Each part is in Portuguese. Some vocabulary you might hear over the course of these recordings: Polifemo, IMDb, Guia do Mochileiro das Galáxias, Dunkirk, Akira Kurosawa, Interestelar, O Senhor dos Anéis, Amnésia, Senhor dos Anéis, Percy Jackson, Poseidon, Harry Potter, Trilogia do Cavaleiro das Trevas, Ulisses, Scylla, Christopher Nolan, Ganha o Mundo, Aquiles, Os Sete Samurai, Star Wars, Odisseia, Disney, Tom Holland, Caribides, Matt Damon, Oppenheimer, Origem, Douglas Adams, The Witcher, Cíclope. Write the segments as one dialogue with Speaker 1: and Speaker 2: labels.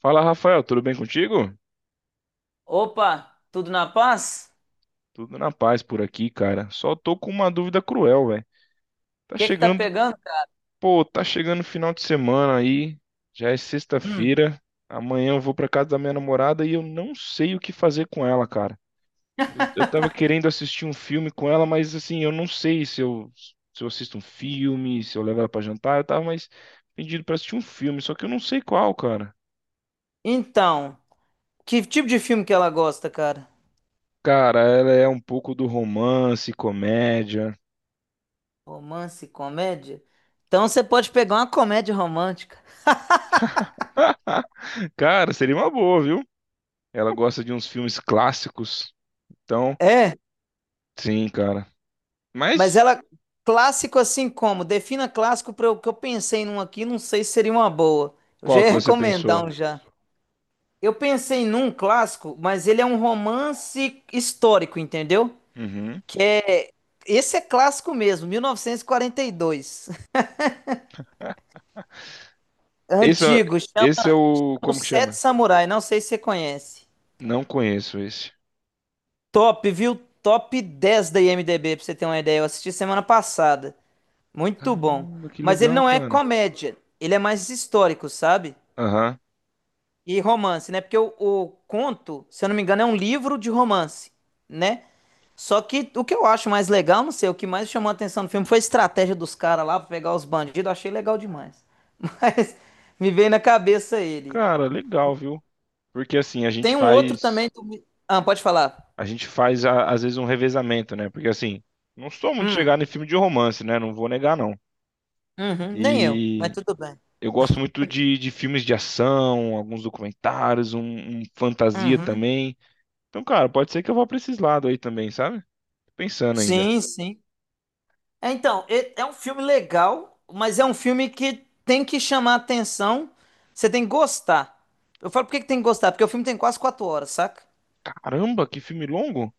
Speaker 1: Fala, Rafael, tudo bem contigo?
Speaker 2: Opa, tudo na paz?
Speaker 1: Tudo na paz por aqui, cara. Só tô com uma dúvida cruel, velho.
Speaker 2: O
Speaker 1: Tá
Speaker 2: que que tá
Speaker 1: chegando,
Speaker 2: pegando, cara?
Speaker 1: pô, tá chegando o final de semana aí. Já é
Speaker 2: Hum.
Speaker 1: sexta-feira. Amanhã eu vou pra casa da minha namorada e eu não sei o que fazer com ela, cara. Eu tava querendo assistir um filme com ela, mas assim, eu não sei se eu assisto um filme, se eu levo ela pra jantar. Eu tava mais pedindo pra assistir um filme, só que eu não sei qual, cara.
Speaker 2: Então, que tipo de filme que ela gosta, cara?
Speaker 1: Cara, ela é um pouco do romance, comédia.
Speaker 2: Romance, comédia? Então você pode pegar uma comédia romântica.
Speaker 1: Cara, seria uma boa, viu? Ela gosta de uns filmes clássicos. Então,
Speaker 2: É,
Speaker 1: sim, cara.
Speaker 2: mas
Speaker 1: Mas
Speaker 2: ela clássico assim como? Defina clássico para o que eu pensei num aqui, não sei se seria uma boa. Eu já
Speaker 1: qual que
Speaker 2: ia
Speaker 1: você pensou?
Speaker 2: recomendar um já. Eu pensei num clássico, mas ele é um romance histórico, entendeu?
Speaker 1: Uhum.
Speaker 2: Que é, esse é clássico mesmo, 1942.
Speaker 1: Esse, é-
Speaker 2: Antigo.
Speaker 1: Esse é o. Como
Speaker 2: Os
Speaker 1: que
Speaker 2: Sete
Speaker 1: chama?
Speaker 2: Samurai, não sei se você conhece.
Speaker 1: Não conheço esse.
Speaker 2: Top, viu? Top 10 da IMDb, pra você ter uma ideia. Eu assisti semana passada. Muito bom.
Speaker 1: Caramba, que
Speaker 2: Mas ele
Speaker 1: legal,
Speaker 2: não é
Speaker 1: cara.
Speaker 2: comédia. Ele é mais histórico, sabe?
Speaker 1: Aham.
Speaker 2: E romance, né? Porque o conto, se eu não me engano, é um livro de romance, né? Só que o que eu acho mais legal, não sei, o que mais chamou a atenção no filme foi a estratégia dos caras lá pra pegar os bandidos. Eu achei legal demais. Mas me veio na cabeça ele.
Speaker 1: Cara, legal, viu? Porque assim, a gente
Speaker 2: Tem um outro também
Speaker 1: faz.
Speaker 2: do. Ah, pode falar.
Speaker 1: A gente faz, às vezes, um revezamento, né? Porque assim, não sou muito
Speaker 2: Hum.
Speaker 1: chegado em filme de romance, né? Não vou negar, não.
Speaker 2: Uhum, nem eu, mas
Speaker 1: E
Speaker 2: tudo bem.
Speaker 1: eu gosto muito de filmes de ação, alguns documentários, um fantasia
Speaker 2: Uhum,
Speaker 1: também. Então, cara, pode ser que eu vá pra esses lados aí também, sabe? Tô pensando ainda.
Speaker 2: sim, sim. É, então, é um filme legal, mas é um filme que tem que chamar atenção. Você tem que gostar. Eu falo por que que tem que gostar? Porque o filme tem quase 4 horas, saca?
Speaker 1: Caramba, que filme longo?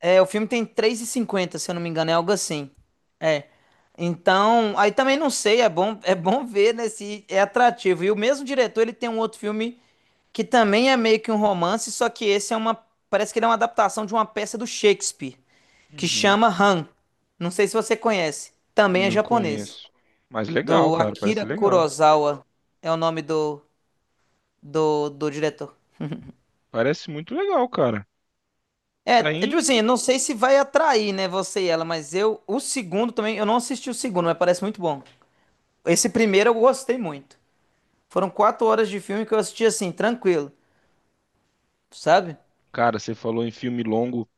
Speaker 2: É, o filme tem três e cinquenta se eu não me engano, é algo assim. É. Então, aí também não sei, é bom ver, né, se é atrativo. E o mesmo diretor, ele tem um outro filme que também é meio que um romance, só que esse é uma, parece que ele é uma adaptação de uma peça do Shakespeare. Que
Speaker 1: Uhum,
Speaker 2: chama Han. Não sei se você conhece. Também é
Speaker 1: não
Speaker 2: japonês.
Speaker 1: conheço. Mas legal,
Speaker 2: Do
Speaker 1: cara, parece
Speaker 2: Akira
Speaker 1: legal.
Speaker 2: Kurosawa é o nome do diretor.
Speaker 1: Parece muito legal, cara.
Speaker 2: É, é
Speaker 1: Tá
Speaker 2: tipo
Speaker 1: aí.
Speaker 2: assim, eu não sei se vai atrair, né, você e ela, mas eu, o segundo também, eu não assisti o segundo, mas parece muito bom. Esse primeiro eu gostei muito. Foram 4 horas de filme que eu assisti assim, tranquilo, sabe?
Speaker 1: Cara, você falou em filme longo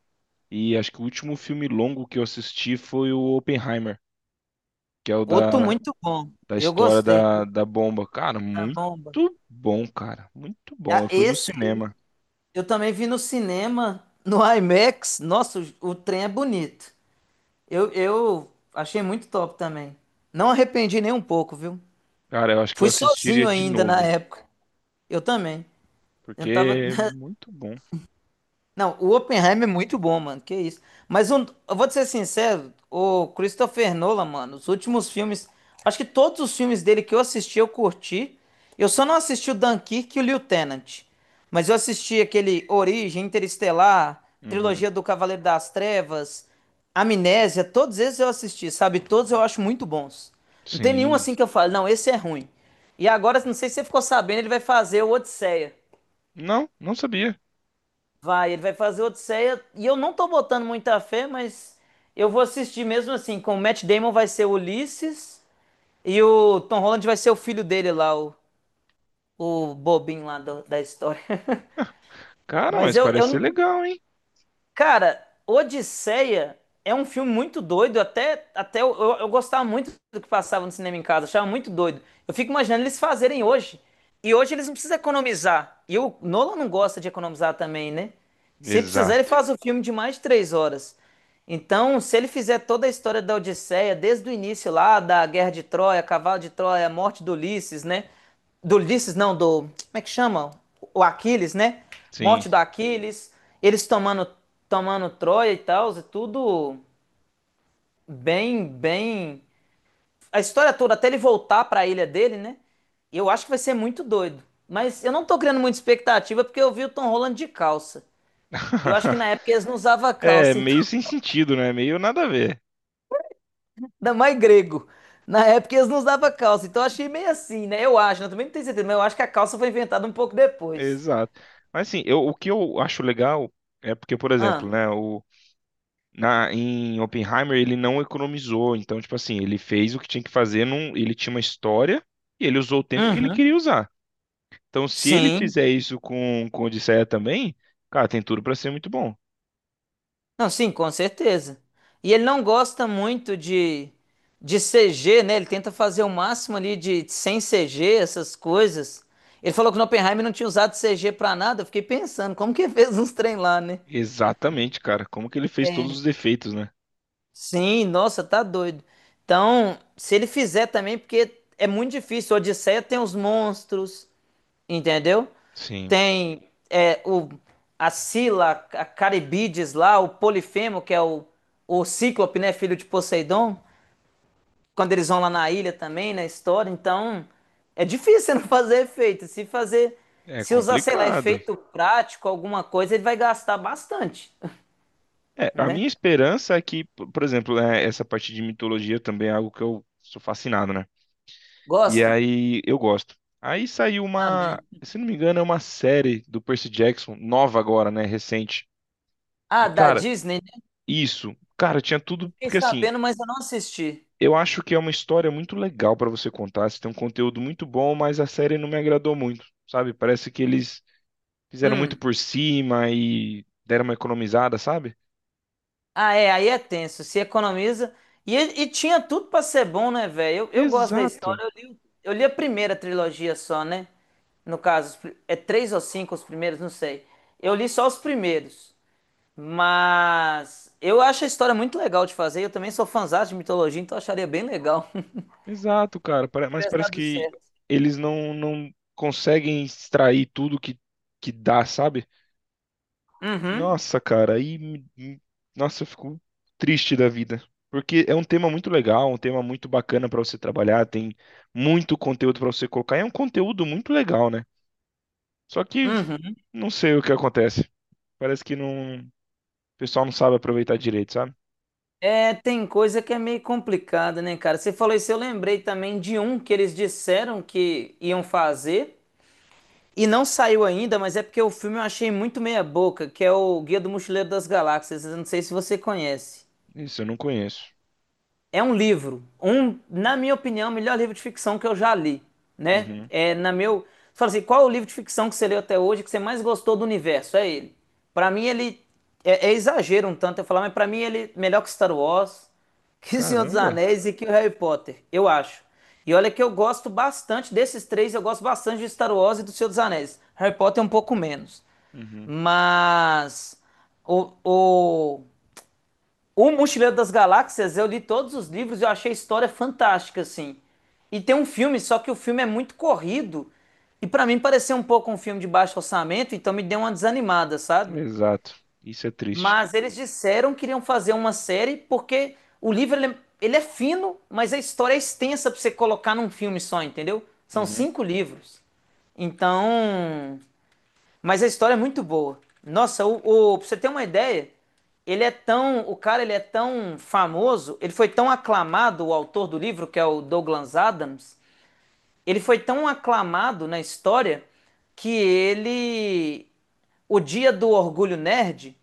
Speaker 1: e acho que o último filme longo que eu assisti foi o Oppenheimer, que é o
Speaker 2: Outro muito bom.
Speaker 1: da
Speaker 2: Eu
Speaker 1: história
Speaker 2: gostei, viu?
Speaker 1: da bomba. Cara,
Speaker 2: Da
Speaker 1: muito
Speaker 2: bomba.
Speaker 1: bom, cara. Muito bom.
Speaker 2: Ah,
Speaker 1: Eu fui no
Speaker 2: esse aí,
Speaker 1: cinema.
Speaker 2: eu também vi no cinema, no IMAX. Nossa, o trem é bonito. Eu achei muito top também. Não arrependi nem um pouco, viu?
Speaker 1: Cara, eu acho que eu
Speaker 2: Fui sozinho
Speaker 1: assistiria de
Speaker 2: ainda na
Speaker 1: novo,
Speaker 2: época. Eu também. Eu
Speaker 1: porque
Speaker 2: não tava.
Speaker 1: é muito bom.
Speaker 2: Não, o Oppenheimer é muito bom, mano. Que isso. Mas eu vou te ser sincero, o Christopher Nolan, mano, os últimos filmes. Acho que todos os filmes dele que eu assisti, eu curti. Eu só não assisti o Dunkirk e o Lieutenant. Mas eu assisti aquele Origem, Interestelar,
Speaker 1: Uhum.
Speaker 2: Trilogia do Cavaleiro das Trevas, Amnésia, todos esses eu assisti, sabe? Todos eu acho muito bons. Não tem nenhum
Speaker 1: Sim.
Speaker 2: assim que eu falo, não, esse é ruim. E agora, não sei se você ficou sabendo, ele vai fazer o Odisseia.
Speaker 1: Não, não sabia.
Speaker 2: Vai, ele vai fazer Odisseia e eu não tô botando muita fé, mas eu vou assistir mesmo assim, com o Matt Damon vai ser o Ulisses e o Tom Holland vai ser o filho dele lá, o bobinho lá do- da história.
Speaker 1: Cara,
Speaker 2: Mas
Speaker 1: mas
Speaker 2: eu,
Speaker 1: parece ser
Speaker 2: não-
Speaker 1: legal, hein?
Speaker 2: cara, Odisseia é um filme muito doido, até eu gostava muito do que passava no cinema em casa, achava muito doido. Eu fico imaginando eles fazerem hoje. E hoje eles não precisam economizar. E o Nolan não gosta de economizar também, né? Se precisar, ele
Speaker 1: Exato.
Speaker 2: faz o filme de mais de 3 horas. Então, se ele fizer toda a história da Odisseia, desde o início lá, da Guerra de Troia, Cavalo de Troia, a morte do Ulisses, né? Do Ulisses, não, do. Como é que chama? O Aquiles, né?
Speaker 1: Sim.
Speaker 2: Morte do Aquiles, eles tomando, tomando Troia e tal, é tudo bem, bem a história toda, até ele voltar pra ilha dele, né? Eu acho que vai ser muito doido. Mas eu não tô criando muita expectativa porque eu vi o Tom Holland de calça. Eu acho que na época eles não usavam
Speaker 1: É,
Speaker 2: calça, então.
Speaker 1: meio sem sentido, né? Meio nada a ver.
Speaker 2: Ainda mais grego. Na época eles não usavam calça, então eu achei meio assim, né? Eu acho, né? Eu também não tenho certeza, mas eu acho que a calça foi inventada um pouco depois.
Speaker 1: Exato. Mas assim, eu, o que eu acho legal é porque, por
Speaker 2: Ah.
Speaker 1: exemplo, né, na, em Oppenheimer ele não economizou. Então, tipo assim, ele fez o que tinha que fazer, num, ele tinha uma história e ele usou o tempo que ele
Speaker 2: Uhum.
Speaker 1: queria usar. Então, se ele
Speaker 2: Sim.
Speaker 1: fizer isso com Odisseia também, cara, tem tudo pra ser muito bom.
Speaker 2: Não, sim, com certeza. E ele não gosta muito de CG, né? Ele tenta fazer o máximo ali de sem CG, essas coisas. Ele falou que o Oppenheimer não tinha usado CG pra nada. Eu fiquei pensando, como que ele fez uns trem lá, né?
Speaker 1: Exatamente, cara. Como que ele fez todos os defeitos, né?
Speaker 2: Sim, nossa, tá doido. Então, se ele fizer também, porque é muito difícil. Odisseia tem os monstros, entendeu?
Speaker 1: Sim.
Speaker 2: Tem é, o, a Scylla, a Caribides lá, o Polifemo, que é o Cíclope, né, filho de Poseidon. Quando eles vão lá na ilha também, na história. Então, é difícil você não fazer efeito. Se fazer,
Speaker 1: É
Speaker 2: se usar, sei lá,
Speaker 1: complicado.
Speaker 2: efeito prático, alguma coisa, ele vai gastar bastante,
Speaker 1: É, a minha
Speaker 2: né?
Speaker 1: esperança é que, por exemplo, né, essa parte de mitologia também é algo que eu sou fascinado, né? E
Speaker 2: Gosta?
Speaker 1: aí eu gosto. Aí saiu uma,
Speaker 2: Também.
Speaker 1: se não me engano, é uma série do Percy Jackson, nova agora, né? Recente. E,
Speaker 2: Ah, da
Speaker 1: cara,
Speaker 2: Disney, né?
Speaker 1: isso, cara, tinha tudo,
Speaker 2: Fiquei
Speaker 1: porque assim,
Speaker 2: sabendo, mas eu não assisti.
Speaker 1: eu acho que é uma história muito legal pra você contar. Você tem um conteúdo muito bom, mas a série não me agradou muito, sabe? Parece que eles fizeram muito
Speaker 2: Hum.
Speaker 1: por cima e deram uma economizada, sabe?
Speaker 2: Ah, é, aí é tenso, se economiza. E tinha tudo pra ser bom, né, velho? Eu gosto da
Speaker 1: Exato.
Speaker 2: história, eu li a primeira trilogia só, né? No caso, é três ou cinco os primeiros, não sei. Eu li só os primeiros. Mas eu acho a história muito legal de fazer. Eu também sou fãzão de mitologia, então eu acharia bem legal.
Speaker 1: Exato, cara.
Speaker 2: Se
Speaker 1: Mas
Speaker 2: tivesse
Speaker 1: parece
Speaker 2: dado
Speaker 1: que
Speaker 2: certo.
Speaker 1: eles não, não conseguem extrair tudo que dá, sabe?
Speaker 2: Uhum,
Speaker 1: Nossa, cara, aí. Nossa, eu fico triste da vida. Porque é um tema muito legal, um tema muito bacana pra você trabalhar, tem muito conteúdo pra você colocar. É um conteúdo muito legal, né? Só que
Speaker 2: uhum.
Speaker 1: não sei o que acontece. Parece que não, o pessoal não sabe aproveitar direito, sabe?
Speaker 2: É, tem coisa que é meio complicada, né, cara? Você falou isso, eu lembrei também de um que eles disseram que iam fazer e não saiu ainda, mas é porque o filme eu achei muito meia boca, que é o Guia do Mochileiro das Galáxias. Eu não sei se você conhece.
Speaker 1: Isso eu não conheço.
Speaker 2: É um livro, um, na minha opinião, o melhor livro de ficção que eu já li, né?
Speaker 1: Uhum.
Speaker 2: É na meu, você fala assim, qual é o livro de ficção que você leu até hoje que você mais gostou do universo? É ele. Pra mim ele é exagero um tanto eu falar, mas pra mim ele é melhor que Star Wars, que O Senhor dos
Speaker 1: Caramba.
Speaker 2: Anéis e que o Harry Potter, eu acho. E olha que eu gosto bastante desses três, eu gosto bastante de Star Wars e do Senhor dos Anéis. Harry Potter é um pouco menos,
Speaker 1: Uhum.
Speaker 2: mas o, o o Mochileiro das Galáxias, eu li todos os livros e eu achei a história fantástica, assim. E tem um filme, só que o filme é muito corrido. E pra mim pareceu um pouco um filme de baixo orçamento, então me deu uma desanimada, sabe?
Speaker 1: Exato. Isso é triste.
Speaker 2: Mas eles disseram que iriam fazer uma série porque o livro ele é fino, mas a história é extensa pra você colocar num filme só, entendeu? São
Speaker 1: Uhum.
Speaker 2: cinco livros. Então, mas a história é muito boa. Nossa, pra você ter uma ideia, ele é tão, o cara ele é tão famoso, ele foi tão aclamado, o autor do livro, que é o Douglas Adams, ele foi tão aclamado na história que ele, o dia do orgulho nerd,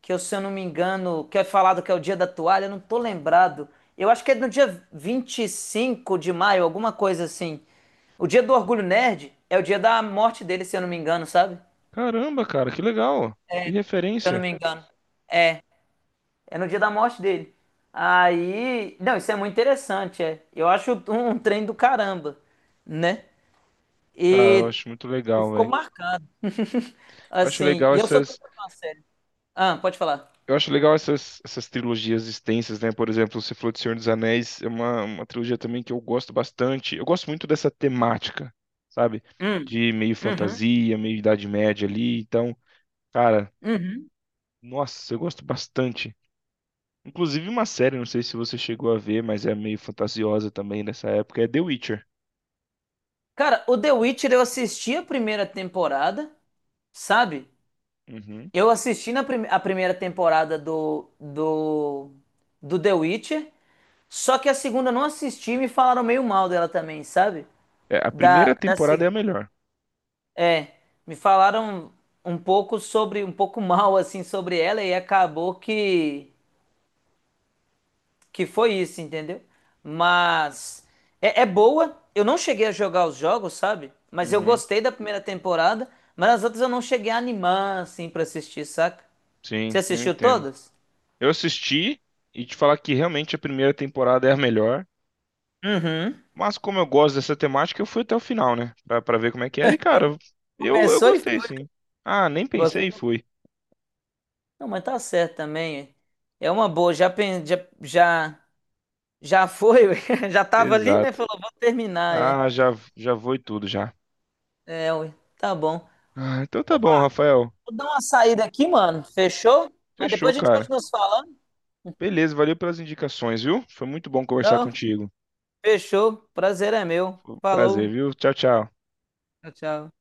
Speaker 2: que eu, se eu não me engano, que é falado que é o dia da toalha, eu não tô lembrado. Eu acho que é no dia 25 de maio, alguma coisa assim. O dia do orgulho nerd é o dia da morte dele, se eu não me engano, sabe?
Speaker 1: Caramba, cara, que legal. Que
Speaker 2: Se eu não
Speaker 1: referência.
Speaker 2: me engano. É no dia da morte dele. Aí. Não, isso é muito interessante, é. Eu acho um trem do caramba, né?
Speaker 1: Cara, eu
Speaker 2: E,
Speaker 1: acho muito
Speaker 2: e
Speaker 1: legal,
Speaker 2: ficou
Speaker 1: velho.
Speaker 2: marcado.
Speaker 1: Eu acho
Speaker 2: Assim.
Speaker 1: legal
Speaker 2: E eu sou doido
Speaker 1: essas,
Speaker 2: pra ver uma série. Ah, pode falar.
Speaker 1: eu acho legal essas, essas trilogias extensas, né? Por exemplo, você falou de Senhor dos Anéis, é uma trilogia também que eu gosto bastante. Eu gosto muito dessa temática, sabe?
Speaker 2: Hum.
Speaker 1: De meio
Speaker 2: Uhum.
Speaker 1: fantasia, meio Idade Média ali. Então, cara,
Speaker 2: Uhum.
Speaker 1: nossa, eu gosto bastante. Inclusive uma série, não sei se você chegou a ver, mas é meio fantasiosa também nessa época, é The Witcher.
Speaker 2: Cara, o The Witcher eu assisti a primeira temporada, sabe?
Speaker 1: Uhum.
Speaker 2: Eu assisti a primeira temporada do The Witcher, só que a segunda eu não assisti e me falaram meio mal dela também, sabe?
Speaker 1: É, a
Speaker 2: da,
Speaker 1: primeira
Speaker 2: da
Speaker 1: temporada
Speaker 2: ci-
Speaker 1: é a melhor.
Speaker 2: é, me falaram um pouco sobre, um pouco mal assim sobre ela e acabou que foi isso, entendeu? Mas é boa. Eu não cheguei a jogar os jogos, sabe? Mas eu
Speaker 1: Uhum.
Speaker 2: gostei da primeira temporada, mas as outras eu não cheguei a animar assim pra assistir, saca? Você
Speaker 1: Sim, eu
Speaker 2: assistiu
Speaker 1: entendo.
Speaker 2: todas?
Speaker 1: Eu assisti e te falar que realmente a primeira temporada é a melhor.
Speaker 2: Uhum.
Speaker 1: Mas como eu gosto dessa temática, eu fui até o final, né? Pra ver como é que era. E, cara, eu
Speaker 2: Começou e
Speaker 1: gostei,
Speaker 2: foi.
Speaker 1: sim. Ah, nem pensei e
Speaker 2: Gostou?
Speaker 1: fui.
Speaker 2: Não, mas tá certo também. É uma boa. Já já, já foi, ué. Já tava ali, né?
Speaker 1: Exato.
Speaker 2: Falou, vou terminar, é.
Speaker 1: Ah, já, já vou e tudo já.
Speaker 2: É, ui, tá bom.
Speaker 1: Ah, então tá
Speaker 2: Pô,
Speaker 1: bom,
Speaker 2: mano,
Speaker 1: Rafael.
Speaker 2: vou dar uma saída aqui, mano. Fechou? Mas
Speaker 1: Fechou,
Speaker 2: depois a gente
Speaker 1: cara.
Speaker 2: continua se falando.
Speaker 1: Beleza, valeu pelas indicações, viu? Foi muito bom conversar
Speaker 2: Não,
Speaker 1: contigo.
Speaker 2: fechou. Prazer é meu.
Speaker 1: Prazer,
Speaker 2: Falou.
Speaker 1: viu? Tchau, tchau.
Speaker 2: Tchau, tchau.